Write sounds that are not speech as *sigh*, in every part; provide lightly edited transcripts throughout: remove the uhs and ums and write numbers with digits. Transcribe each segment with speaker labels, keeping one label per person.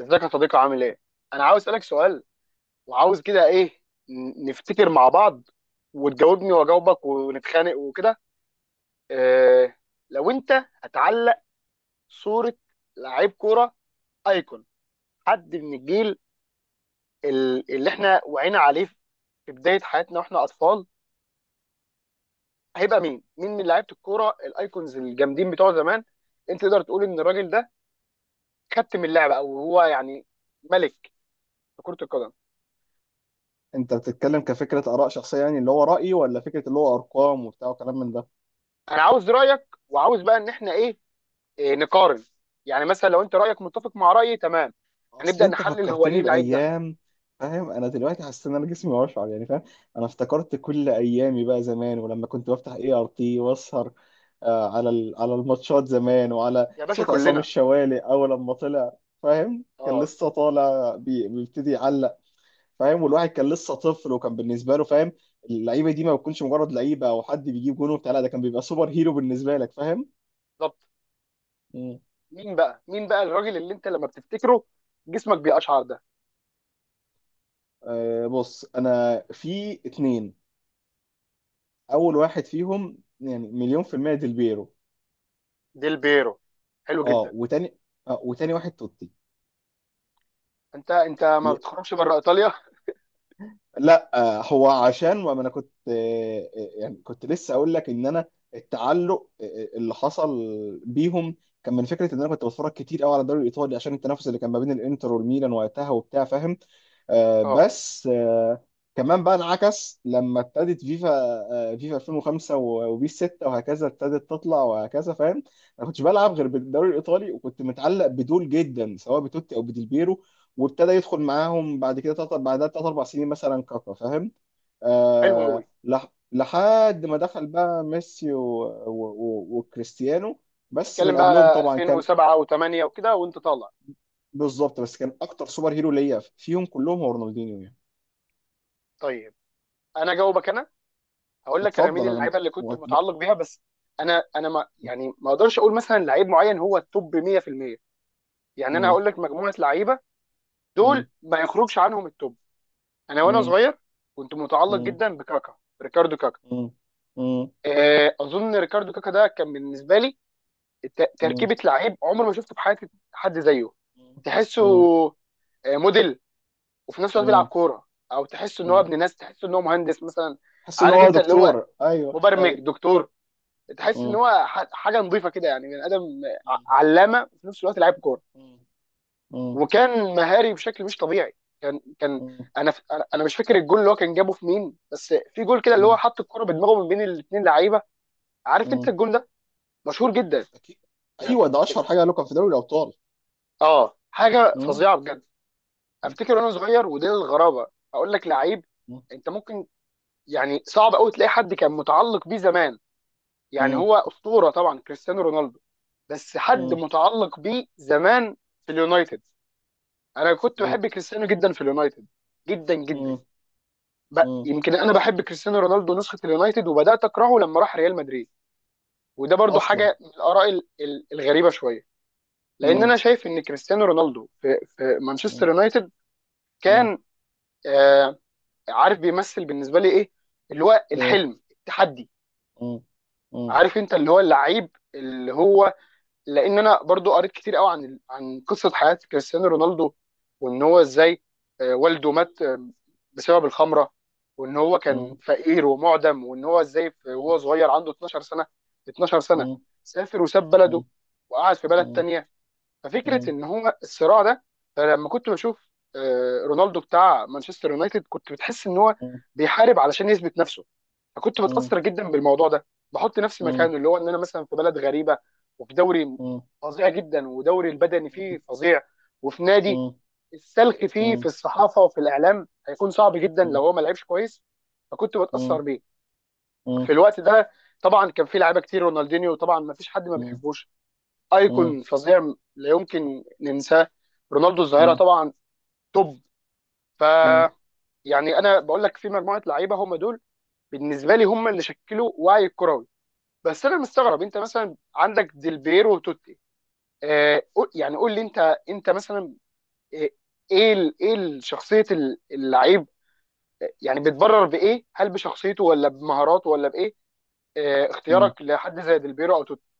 Speaker 1: ازيك يا صديقي، عامل ايه؟ انا عاوز اسالك سؤال، وعاوز كده ايه، نفتكر مع بعض، وتجاوبني واجاوبك ونتخانق وكده. إيه، لو انت هتعلق صوره لعيب كوره ايكون، حد من الجيل اللي احنا وعينا عليه في بدايه حياتنا واحنا اطفال، هيبقى مين؟ مين من لعيبه الكوره الايكونز الجامدين بتوع زمان انت تقدر تقول ان الراجل ده كابتن اللعبه، او هو يعني ملك في كره القدم؟
Speaker 2: انت بتتكلم كفكره اراء شخصيه، يعني اللي هو رايي ولا فكره اللي هو ارقام وبتاع وكلام من ده؟
Speaker 1: انا عاوز رايك، وعاوز بقى ان احنا إيه، نقارن. يعني مثلا لو انت رايك متفق مع رايي تمام،
Speaker 2: اصل
Speaker 1: هنبدا
Speaker 2: انت
Speaker 1: نحلل هو ليه
Speaker 2: فكرتني
Speaker 1: اللعيب ده.
Speaker 2: بايام، فاهم؟ انا دلوقتي حاسس ان انا جسمي واشعر، يعني فاهم. انا افتكرت كل ايامي بقى زمان، ولما كنت بفتح اي ار تي واسهر على على الماتشات زمان وعلى
Speaker 1: يا باشا
Speaker 2: صوت عصام
Speaker 1: كلنا.
Speaker 2: الشوالي اول لما طلع، فاهم؟ كان
Speaker 1: اه.
Speaker 2: لسه طالع بيبتدي يعلق، فاهم؟ والواحد كان لسه طفل وكان بالنسبه له، فاهم؟ اللعيبه دي ما بتكونش مجرد لعيبه او حد بيجيب جون وبتاع، لا ده كان بيبقى سوبر هيرو بالنسبه لك، فاهم؟
Speaker 1: بالظبط. مين بقى الراجل اللي انت لما بتفتكره جسمك بيقشعر ده؟
Speaker 2: بص، انا في اتنين. اول واحد فيهم يعني مليون في المية ديل بيرو.
Speaker 1: ديل بيرو. حلو
Speaker 2: اه،
Speaker 1: جدا.
Speaker 2: وتاني. وتاني واحد توتي.
Speaker 1: انت ما بتخرجش بره ايطاليا.
Speaker 2: لا، هو عشان، وما انا كنت، يعني كنت لسه اقول لك ان انا التعلق اللي حصل بيهم كان من فكره ان انا كنت بتفرج كتير قوي على الدوري الايطالي، عشان التنافس اللي كان ما بين الانتر والميلان وقتها وبتاع، فاهم؟
Speaker 1: اه.
Speaker 2: بس كمان بقى انعكس لما ابتدت فيفا 2005 وبيس 6 وهكذا ابتدت تطلع وهكذا، فاهم؟ انا كنتش بلعب غير بالدوري الايطالي، وكنت متعلق بدول جدا سواء بتوتي او بديلبيرو. وابتدى يدخل معاهم بعد كده تلات، بعدها تلات أربع سنين مثلا كاكا، فاهم؟
Speaker 1: حلو قوي.
Speaker 2: لحد ما دخل بقى ميسي وكريستيانو. بس
Speaker 1: اتكلم
Speaker 2: من قبلهم
Speaker 1: بقى
Speaker 2: طبعا كان.
Speaker 1: 2007 و8 وكده وانت طالع.
Speaker 2: بالظبط، بس كان أكتر سوبر هيرو ليا فيهم كلهم هو رونالدينيو، يعني.
Speaker 1: طيب انا جاوبك، انا هقول لك انا مين
Speaker 2: اتفضل أنا
Speaker 1: اللعيبه اللي كنت
Speaker 2: و-
Speaker 1: متعلق بيها بس. انا ما يعني ما اقدرش اقول مثلا لعيب معين هو التوب 100%. يعني انا
Speaker 2: مم.
Speaker 1: هقول لك مجموعه لعيبه،
Speaker 2: مم.
Speaker 1: دول ما يخرجش عنهم التوب. انا وانا
Speaker 2: مم.
Speaker 1: صغير كنت متعلق
Speaker 2: مم.
Speaker 1: جدا بكاكا. ريكاردو كاكا.
Speaker 2: مم. مم.
Speaker 1: اظن ريكاردو كاكا ده كان بالنسبه لي
Speaker 2: مم.
Speaker 1: تركيبه لعيب عمري ما شفته في حياتي حد زيه. تحسه
Speaker 2: مم.
Speaker 1: موديل، وفي نفس الوقت بيلعب
Speaker 2: مم.
Speaker 1: كوره. او تحسه ان هو
Speaker 2: مم.
Speaker 1: ابن ناس، تحسه ان هو مهندس مثلا.
Speaker 2: حس ان
Speaker 1: عارف
Speaker 2: هو
Speaker 1: انت، اللي هو
Speaker 2: دكتور، ايوه
Speaker 1: مبرمج،
Speaker 2: ايوه.
Speaker 1: دكتور. تحس ان
Speaker 2: مم.
Speaker 1: هو حاجه نظيفه كده، يعني بني ادم،
Speaker 2: مم.
Speaker 1: علامه، وفي نفس الوقت لعيب كوره.
Speaker 2: مم.
Speaker 1: وكان مهاري بشكل مش طبيعي. كان انا انا مش فاكر الجول اللي هو كان جابه في مين، بس في جول كده اللي هو
Speaker 2: مم.
Speaker 1: حط الكرة بدماغه من بين الاثنين لعيبه. عارف انت
Speaker 2: مم.
Speaker 1: الجول ده، مشهور جدا
Speaker 2: اكيد.
Speaker 1: يعني.
Speaker 2: ايوه، ده اشهر حاجه له، كان في دوري الابطال.
Speaker 1: اه، حاجه
Speaker 2: مم.
Speaker 1: فظيعه بجد. افتكر وانا صغير، ودي الغرابه، اقول لك لعيب
Speaker 2: مم.
Speaker 1: انت ممكن يعني صعب قوي تلاقي حد كان متعلق بيه زمان. يعني
Speaker 2: مم.
Speaker 1: هو اسطوره طبعا، كريستيانو رونالدو، بس حد
Speaker 2: مم.
Speaker 1: متعلق بيه زمان في اليونايتد. انا كنت بحب كريستيانو جدا في اليونايتد. جدا جدا.
Speaker 2: مم. مم.
Speaker 1: يمكن انا بحب كريستيانو رونالدو نسخه اليونايتد، وبدات اكرهه لما راح ريال مدريد. وده برضو
Speaker 2: اصلا.
Speaker 1: حاجه من الاراء الغريبه شويه. لان انا
Speaker 2: مم.
Speaker 1: شايف ان كريستيانو رونالدو في
Speaker 2: مم.
Speaker 1: مانشستر يونايتد
Speaker 2: مم.
Speaker 1: كان آه عارف بيمثل بالنسبه لي ايه، اللي هو
Speaker 2: إيه.
Speaker 1: الحلم، التحدي.
Speaker 2: مم. مم.
Speaker 1: عارف انت، اللي هو اللعيب اللي هو، لان انا برضو قريت كتير قوي عن عن قصه حياه كريستيانو رونالدو، وان هو ازاي والده مات بسبب الخمره، وان هو
Speaker 2: مم.
Speaker 1: كان فقير ومعدم، وان هو ازاي وهو صغير عنده 12 سنه. 12 سنه
Speaker 2: مم.
Speaker 1: سافر وساب بلده
Speaker 2: مم.
Speaker 1: وقعد في بلد
Speaker 2: مم.
Speaker 1: تانية. ففكره
Speaker 2: مم.
Speaker 1: ان هو الصراع ده، فلما كنت بشوف رونالدو بتاع مانشستر يونايتد، كنت بتحس ان هو
Speaker 2: مم.
Speaker 1: بيحارب علشان يثبت نفسه. فكنت
Speaker 2: مم.
Speaker 1: بتاثر جدا بالموضوع ده، بحط نفسي
Speaker 2: مم.
Speaker 1: مكانه، اللي هو ان انا مثلا في بلد غريبه، وفي دوري
Speaker 2: مم.
Speaker 1: فظيع جدا، ودوري البدني فيه فظيع، وفي نادي
Speaker 2: مم.
Speaker 1: السلخ
Speaker 2: مم.
Speaker 1: فيه في
Speaker 2: مم.
Speaker 1: الصحافه وفي الاعلام، هيكون صعب جدا لو هو ما لعبش كويس. فكنت بتاثر
Speaker 2: مم.
Speaker 1: بيه في
Speaker 2: مم.
Speaker 1: الوقت ده. طبعا كان في لعيبه كتير. رونالدينيو طبعا، ما فيش حد ما بيحبوش،
Speaker 2: مم.
Speaker 1: ايكون فظيع، لا يمكن ننساه. رونالدو الظاهره طبعا، توب. ف
Speaker 2: مم.
Speaker 1: يعني انا بقول لك في مجموعه لعيبه، هم دول بالنسبه لي هم اللي شكلوا وعي الكروي. بس انا مستغرب انت مثلا عندك ديلبيرو وتوتي. آه، يعني قول لي انت، انت مثلا، آه، ايه ايه شخصيه اللعيب، آه، يعني بتبرر بايه؟ هل بشخصيته، ولا بمهاراته، ولا بايه؟ آه،
Speaker 2: مم.
Speaker 1: اختيارك لحد زي ديلبيرو او توتي.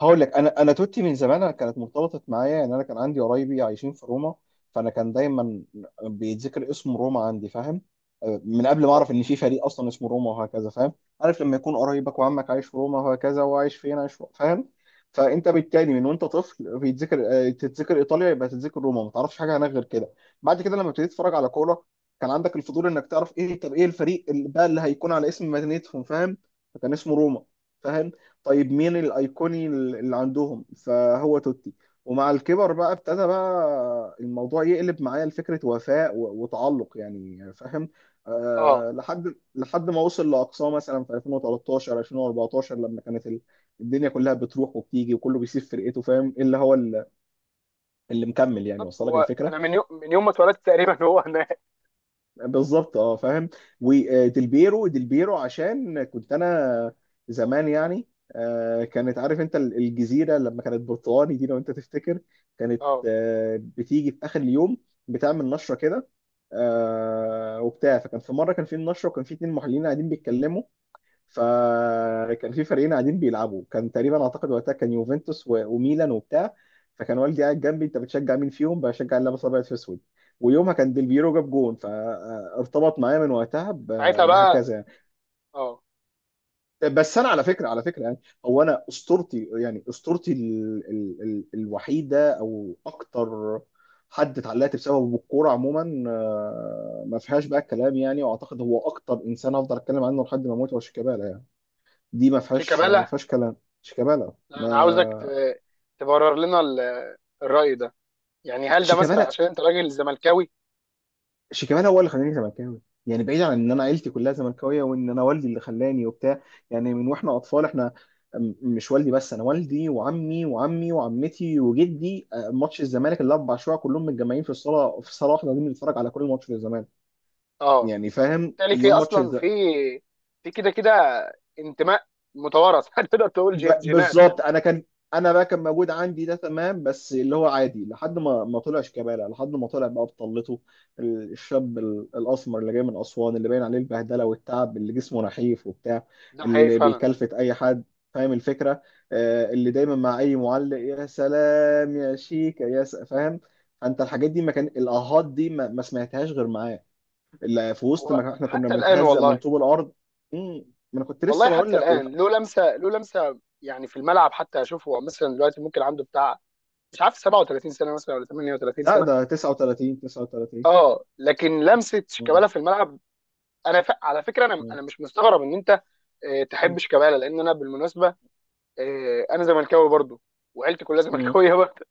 Speaker 2: هقول لك انا توتي من زمان، انا كانت مرتبطه معايا، يعني انا كان عندي قرايبي عايشين في روما. فانا كان دايما بيتذكر اسم روما عندي، فاهم؟ من قبل ما
Speaker 1: اه
Speaker 2: اعرف ان في فريق اصلا اسمه روما وهكذا، فاهم؟ عارف لما يكون قرايبك وعمك عايش في روما وهكذا وعايش فين، عايش فاهم؟ فانت بالتالي من وانت طفل بيتذكر، تتذكر ايطاليا، يبقى تتذكر روما، ما تعرفش حاجه عنها غير كده. بعد كده لما ابتديت اتفرج على كوره، كان عندك الفضول انك تعرف ايه، طب ايه الفريق اللي بقى اللي هيكون على اسم مدينتهم، فاهم؟ فكان اسمه روما، فاهم؟ طيب مين الايقوني اللي عندهم؟ فهو توتي. ومع الكبر بقى ابتدى بقى الموضوع يقلب معايا لفكره وفاء وتعلق، يعني فاهم؟
Speaker 1: اه.
Speaker 2: أه، لحد ما وصل لاقصاه مثلا في 2013 2014 لما كانت الدنيا كلها بتروح وبتيجي وكله بيسيب فرقته، فاهم؟ إيه اللي هو اللي مكمل، يعني
Speaker 1: بالظبط.
Speaker 2: وصل لك
Speaker 1: هو انا
Speaker 2: الفكره؟
Speaker 1: من يوم من يوم ما اتولدت تقريبا هو انا.
Speaker 2: بالظبط، اه فاهم. وديلبيرو، ديلبيرو عشان كنت انا زمان، يعني كانت، عارف انت الجزيره لما كانت برتقاني دي لو انت تفتكر، كانت
Speaker 1: اه.
Speaker 2: بتيجي في اخر اليوم، بتعمل نشره كده وبتاع. فكان في مره كان في النشره، وكان في اتنين محللين قاعدين بيتكلموا. فكان في فريقين قاعدين بيلعبوا، كان تقريبا اعتقد وقتها كان يوفنتوس وميلان وبتاع. فكان والدي قاعد جنبي: انت بتشجع مين فيهم؟ بشجع اللي لابس ابيض في اسود. ويومها كان ديل بيرو جاب جون، فارتبط معايا من وقتها
Speaker 1: ساعتها بقى.
Speaker 2: بهكذا، يعني.
Speaker 1: اه.
Speaker 2: بس انا على فكره، على فكره يعني، هو انا اسطورتي، يعني اسطورتي ال ال ال الوحيده، او اكتر حد اتعلقت بسببه بالكوره عموما، ما فيهاش بقى الكلام يعني، واعتقد هو اكتر انسان افضل اتكلم عنه لحد ما اموت هو شيكابالا، يعني. دي ما فيهاش ما
Speaker 1: شيكابالا.
Speaker 2: فيهاش كلام. شيكابالا
Speaker 1: لا، انا عاوزك
Speaker 2: ما.
Speaker 1: تبرر لنا الرأي ده. يعني هل ده مثلا
Speaker 2: شيكابالا
Speaker 1: عشان انت راجل زملكاوي؟
Speaker 2: شيكابالا هو اللي خلاني زملكاوي، يعني بعيد عن ان انا عيلتي كلها زملكاويه وان انا والدي اللي خلاني وبتاع. يعني من واحنا اطفال، احنا مش والدي بس، انا والدي وعمي وعمتي وجدي، ماتش الزمالك الاربع شويه كلهم متجمعين في الصاله، في صاله واحده قاعدين بنتفرج على كل ماتش للزمالك،
Speaker 1: اه.
Speaker 2: يعني فاهم؟
Speaker 1: تالي
Speaker 2: يوم ماتش.
Speaker 1: اصلا في كده كده انتماء متوارث. *laughs* تقدر تقول جينات
Speaker 2: بالظبط،
Speaker 1: يعني.
Speaker 2: انا بقى كان موجود عندي ده تمام، بس اللي هو عادي لحد ما طلع شيكابالا، لحد ما طلع بقى بطلته. الشاب الاسمر اللي جاي من اسوان، اللي باين عليه البهدله والتعب، اللي جسمه نحيف وبتاع،
Speaker 1: ده حقيقي
Speaker 2: اللي
Speaker 1: فعلا.
Speaker 2: بيكلفت اي حد، فاهم الفكره؟ آه، اللي دايما مع اي معلق: يا سلام يا شيكا، يا فاهم؟ انت الحاجات دي، ما كان الاهات دي ما سمعتهاش غير معاه، اللي في وسط
Speaker 1: هو
Speaker 2: ما احنا كنا
Speaker 1: حتى الان
Speaker 2: بنتهزق من
Speaker 1: والله.
Speaker 2: طوب الارض. مم، ما انا كنت لسه
Speaker 1: والله
Speaker 2: بقول
Speaker 1: حتى
Speaker 2: لك.
Speaker 1: الان له لمسه، له لمسه يعني في الملعب. حتى اشوفه مثلا دلوقتي، ممكن عنده بتاع مش عارف 37 سنه مثلا ولا 38
Speaker 2: لا
Speaker 1: سنه.
Speaker 2: ده 39 39.
Speaker 1: اه، لكن لمسه شيكابالا
Speaker 2: مم.
Speaker 1: في الملعب. انا على فكره، انا
Speaker 2: مم.
Speaker 1: مش مستغرب ان انت تحب
Speaker 2: مم.
Speaker 1: شيكابالا، لان انا بالمناسبه انا زملكاوي برضو، وعيلتي كلها *laughs*
Speaker 2: مم.
Speaker 1: زملكاويه برضو.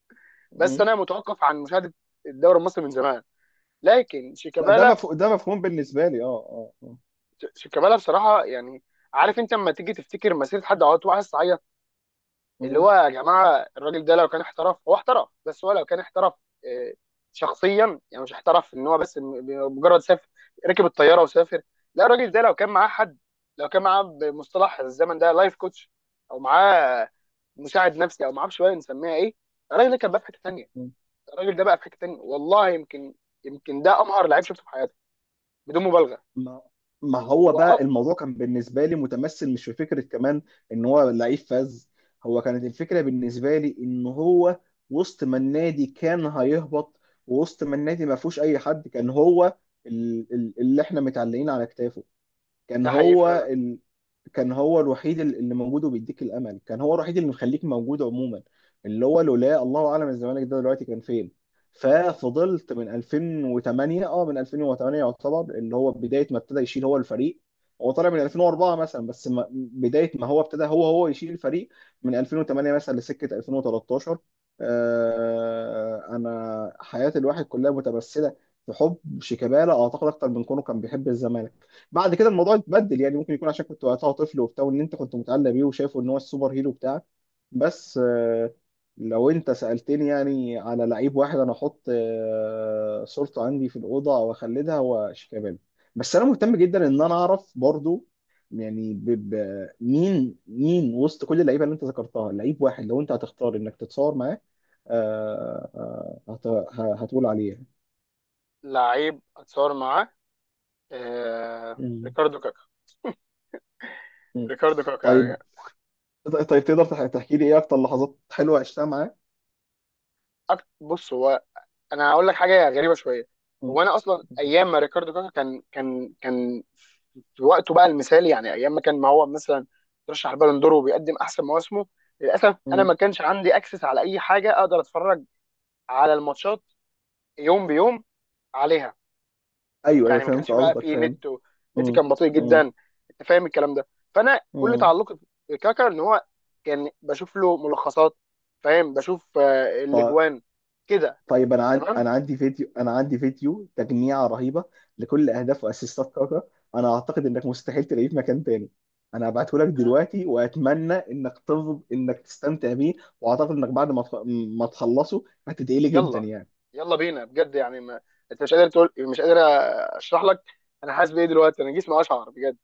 Speaker 1: بس
Speaker 2: مم.
Speaker 1: انا متوقف عن مشاهده الدوري المصري من زمان. لكن
Speaker 2: لا، ده
Speaker 1: شيكابالا،
Speaker 2: مفهوم، ده مفهوم بالنسبه لي، اه اه.
Speaker 1: شيكابالا بصراحه يعني، عارف انت لما تيجي تفتكر مسيره حد، عاطل وعايز تعيط. اللي
Speaker 2: آه.
Speaker 1: هو يا جماعه، الراجل ده لو كان احترف، هو احترف بس، هو لو كان احترف آه، شخصيا يعني، مش احترف ان هو بس مجرد سافر، ركب الطياره وسافر، لا. الراجل ده لو كان معاه حد، لو كان معاه بمصطلح الزمن ده لايف كوتش، او معاه مساعد نفسي او معرفش بقى نسميها ايه، الراجل ده كان بقى في حته ثانيه.
Speaker 2: مم.
Speaker 1: الراجل ده بقى في حته ثانيه والله. يمكن، يمكن ده امهر لعيب شفته في حياتي، بدون مبالغه.
Speaker 2: ما ما هو
Speaker 1: و-
Speaker 2: بقى الموضوع كان بالنسبه لي متمثل مش في فكره كمان ان هو لعيب فذ. هو كانت الفكره بالنسبه لي ان هو وسط ما النادي كان هيهبط، ووسط ما النادي ما فيهوش اي حد، كان هو اللي احنا متعلقين على كتافه. كان
Speaker 1: ده حقيقي
Speaker 2: هو
Speaker 1: فعلا.
Speaker 2: كان هو الوحيد اللي موجود وبيديك الامل، كان هو الوحيد اللي مخليك موجود عموما، اللي هو لولا الله اعلم الزمالك ده دلوقتي كان فين. ففضلت من 2008، اه، من 2008 يعتبر اللي هو بدايه ما ابتدى يشيل هو الفريق. هو طالع من 2004 مثلا، بس ما بدايه ما هو ابتدى هو يشيل الفريق من 2008 مثلا لسكه 2013. آه، انا حياه الواحد كلها متمثله في حب شيكابالا، اعتقد اكتر من كونه كان بيحب الزمالك. بعد كده الموضوع اتبدل، يعني ممكن يكون عشان كنت وقتها طفل وبتاع، وان انت كنت متعلق بيه وشايفه ان هو السوبر هيرو بتاعك. بس لو انت سألتني يعني على لعيب واحد انا احط صورته عندي في الأوضة او اخلدها، هو شيكابالا. بس انا مهتم جدا ان انا اعرف برضو، يعني مين وسط كل اللعيبه اللي انت ذكرتها، لعيب واحد لو انت هتختار انك تتصور معاه هتقول عليه؟
Speaker 1: لعيب اتصور معاه،
Speaker 2: مم.
Speaker 1: ريكاردو كاكا.
Speaker 2: مم.
Speaker 1: ريكاردو كاكا
Speaker 2: طيب،
Speaker 1: يعني.
Speaker 2: طيب تقدر تحكي لي ايه اكتر لحظات حلوه عشتها معاه؟
Speaker 1: بص، هو انا هقول لك حاجه غريبه شويه.
Speaker 2: مم.
Speaker 1: هو انا اصلا ايام ما ريكاردو كاكا كان في وقته بقى المثالي، يعني ايام ما كان ما هو مثلا ترشح البالون دور وبيقدم احسن مواسمه، للاسف انا
Speaker 2: مم.
Speaker 1: ما كانش عندي اكسس على اي حاجه اقدر اتفرج على الماتشات يوم بيوم عليها.
Speaker 2: ايوه ايوه،
Speaker 1: يعني ما
Speaker 2: فهمت
Speaker 1: كانش بقى
Speaker 2: قصدك،
Speaker 1: فيه
Speaker 2: فاهم.
Speaker 1: نت النت
Speaker 2: مم.
Speaker 1: كان بطيء جدا.
Speaker 2: مم.
Speaker 1: انت فاهم الكلام ده. فانا كل
Speaker 2: مم.
Speaker 1: تعلقي بكاكا ان هو كان بشوف له ملخصات. فاهم، بشوف
Speaker 2: ط-
Speaker 1: الاجوان كده.
Speaker 2: طيب، انا
Speaker 1: تمام.
Speaker 2: انا عندي فيديو تجميعه رهيبه لكل اهداف واسيستات كاكا. انا اعتقد انك مستحيل تلاقيه في مكان تاني. انا هبعته لك
Speaker 1: آه،
Speaker 2: دلوقتي، واتمنى انك تفض انك تستمتع بيه. واعتقد انك بعد ما تخلصه هتدعيلي جدا،
Speaker 1: يلا،
Speaker 2: يعني.
Speaker 1: يلا بينا بجد يعني ما... انت مش قادر تقول مش قادر اشرح لك. انا حاسس بايه دلوقتي؟ انا جسمي اشعر بجد.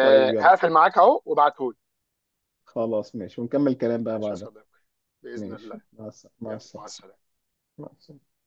Speaker 2: طيب يلا،
Speaker 1: هقفل معاك اهو وابعتهولي.
Speaker 2: خلاص ماشي، ونكمل كلام بقى
Speaker 1: ماشي يا
Speaker 2: بعدها.
Speaker 1: صديقي، باذن
Speaker 2: ماشي،
Speaker 1: الله.
Speaker 2: مع السلامه، مع
Speaker 1: يلا مع
Speaker 2: السلامه،
Speaker 1: السلامه.
Speaker 2: مع السلامة.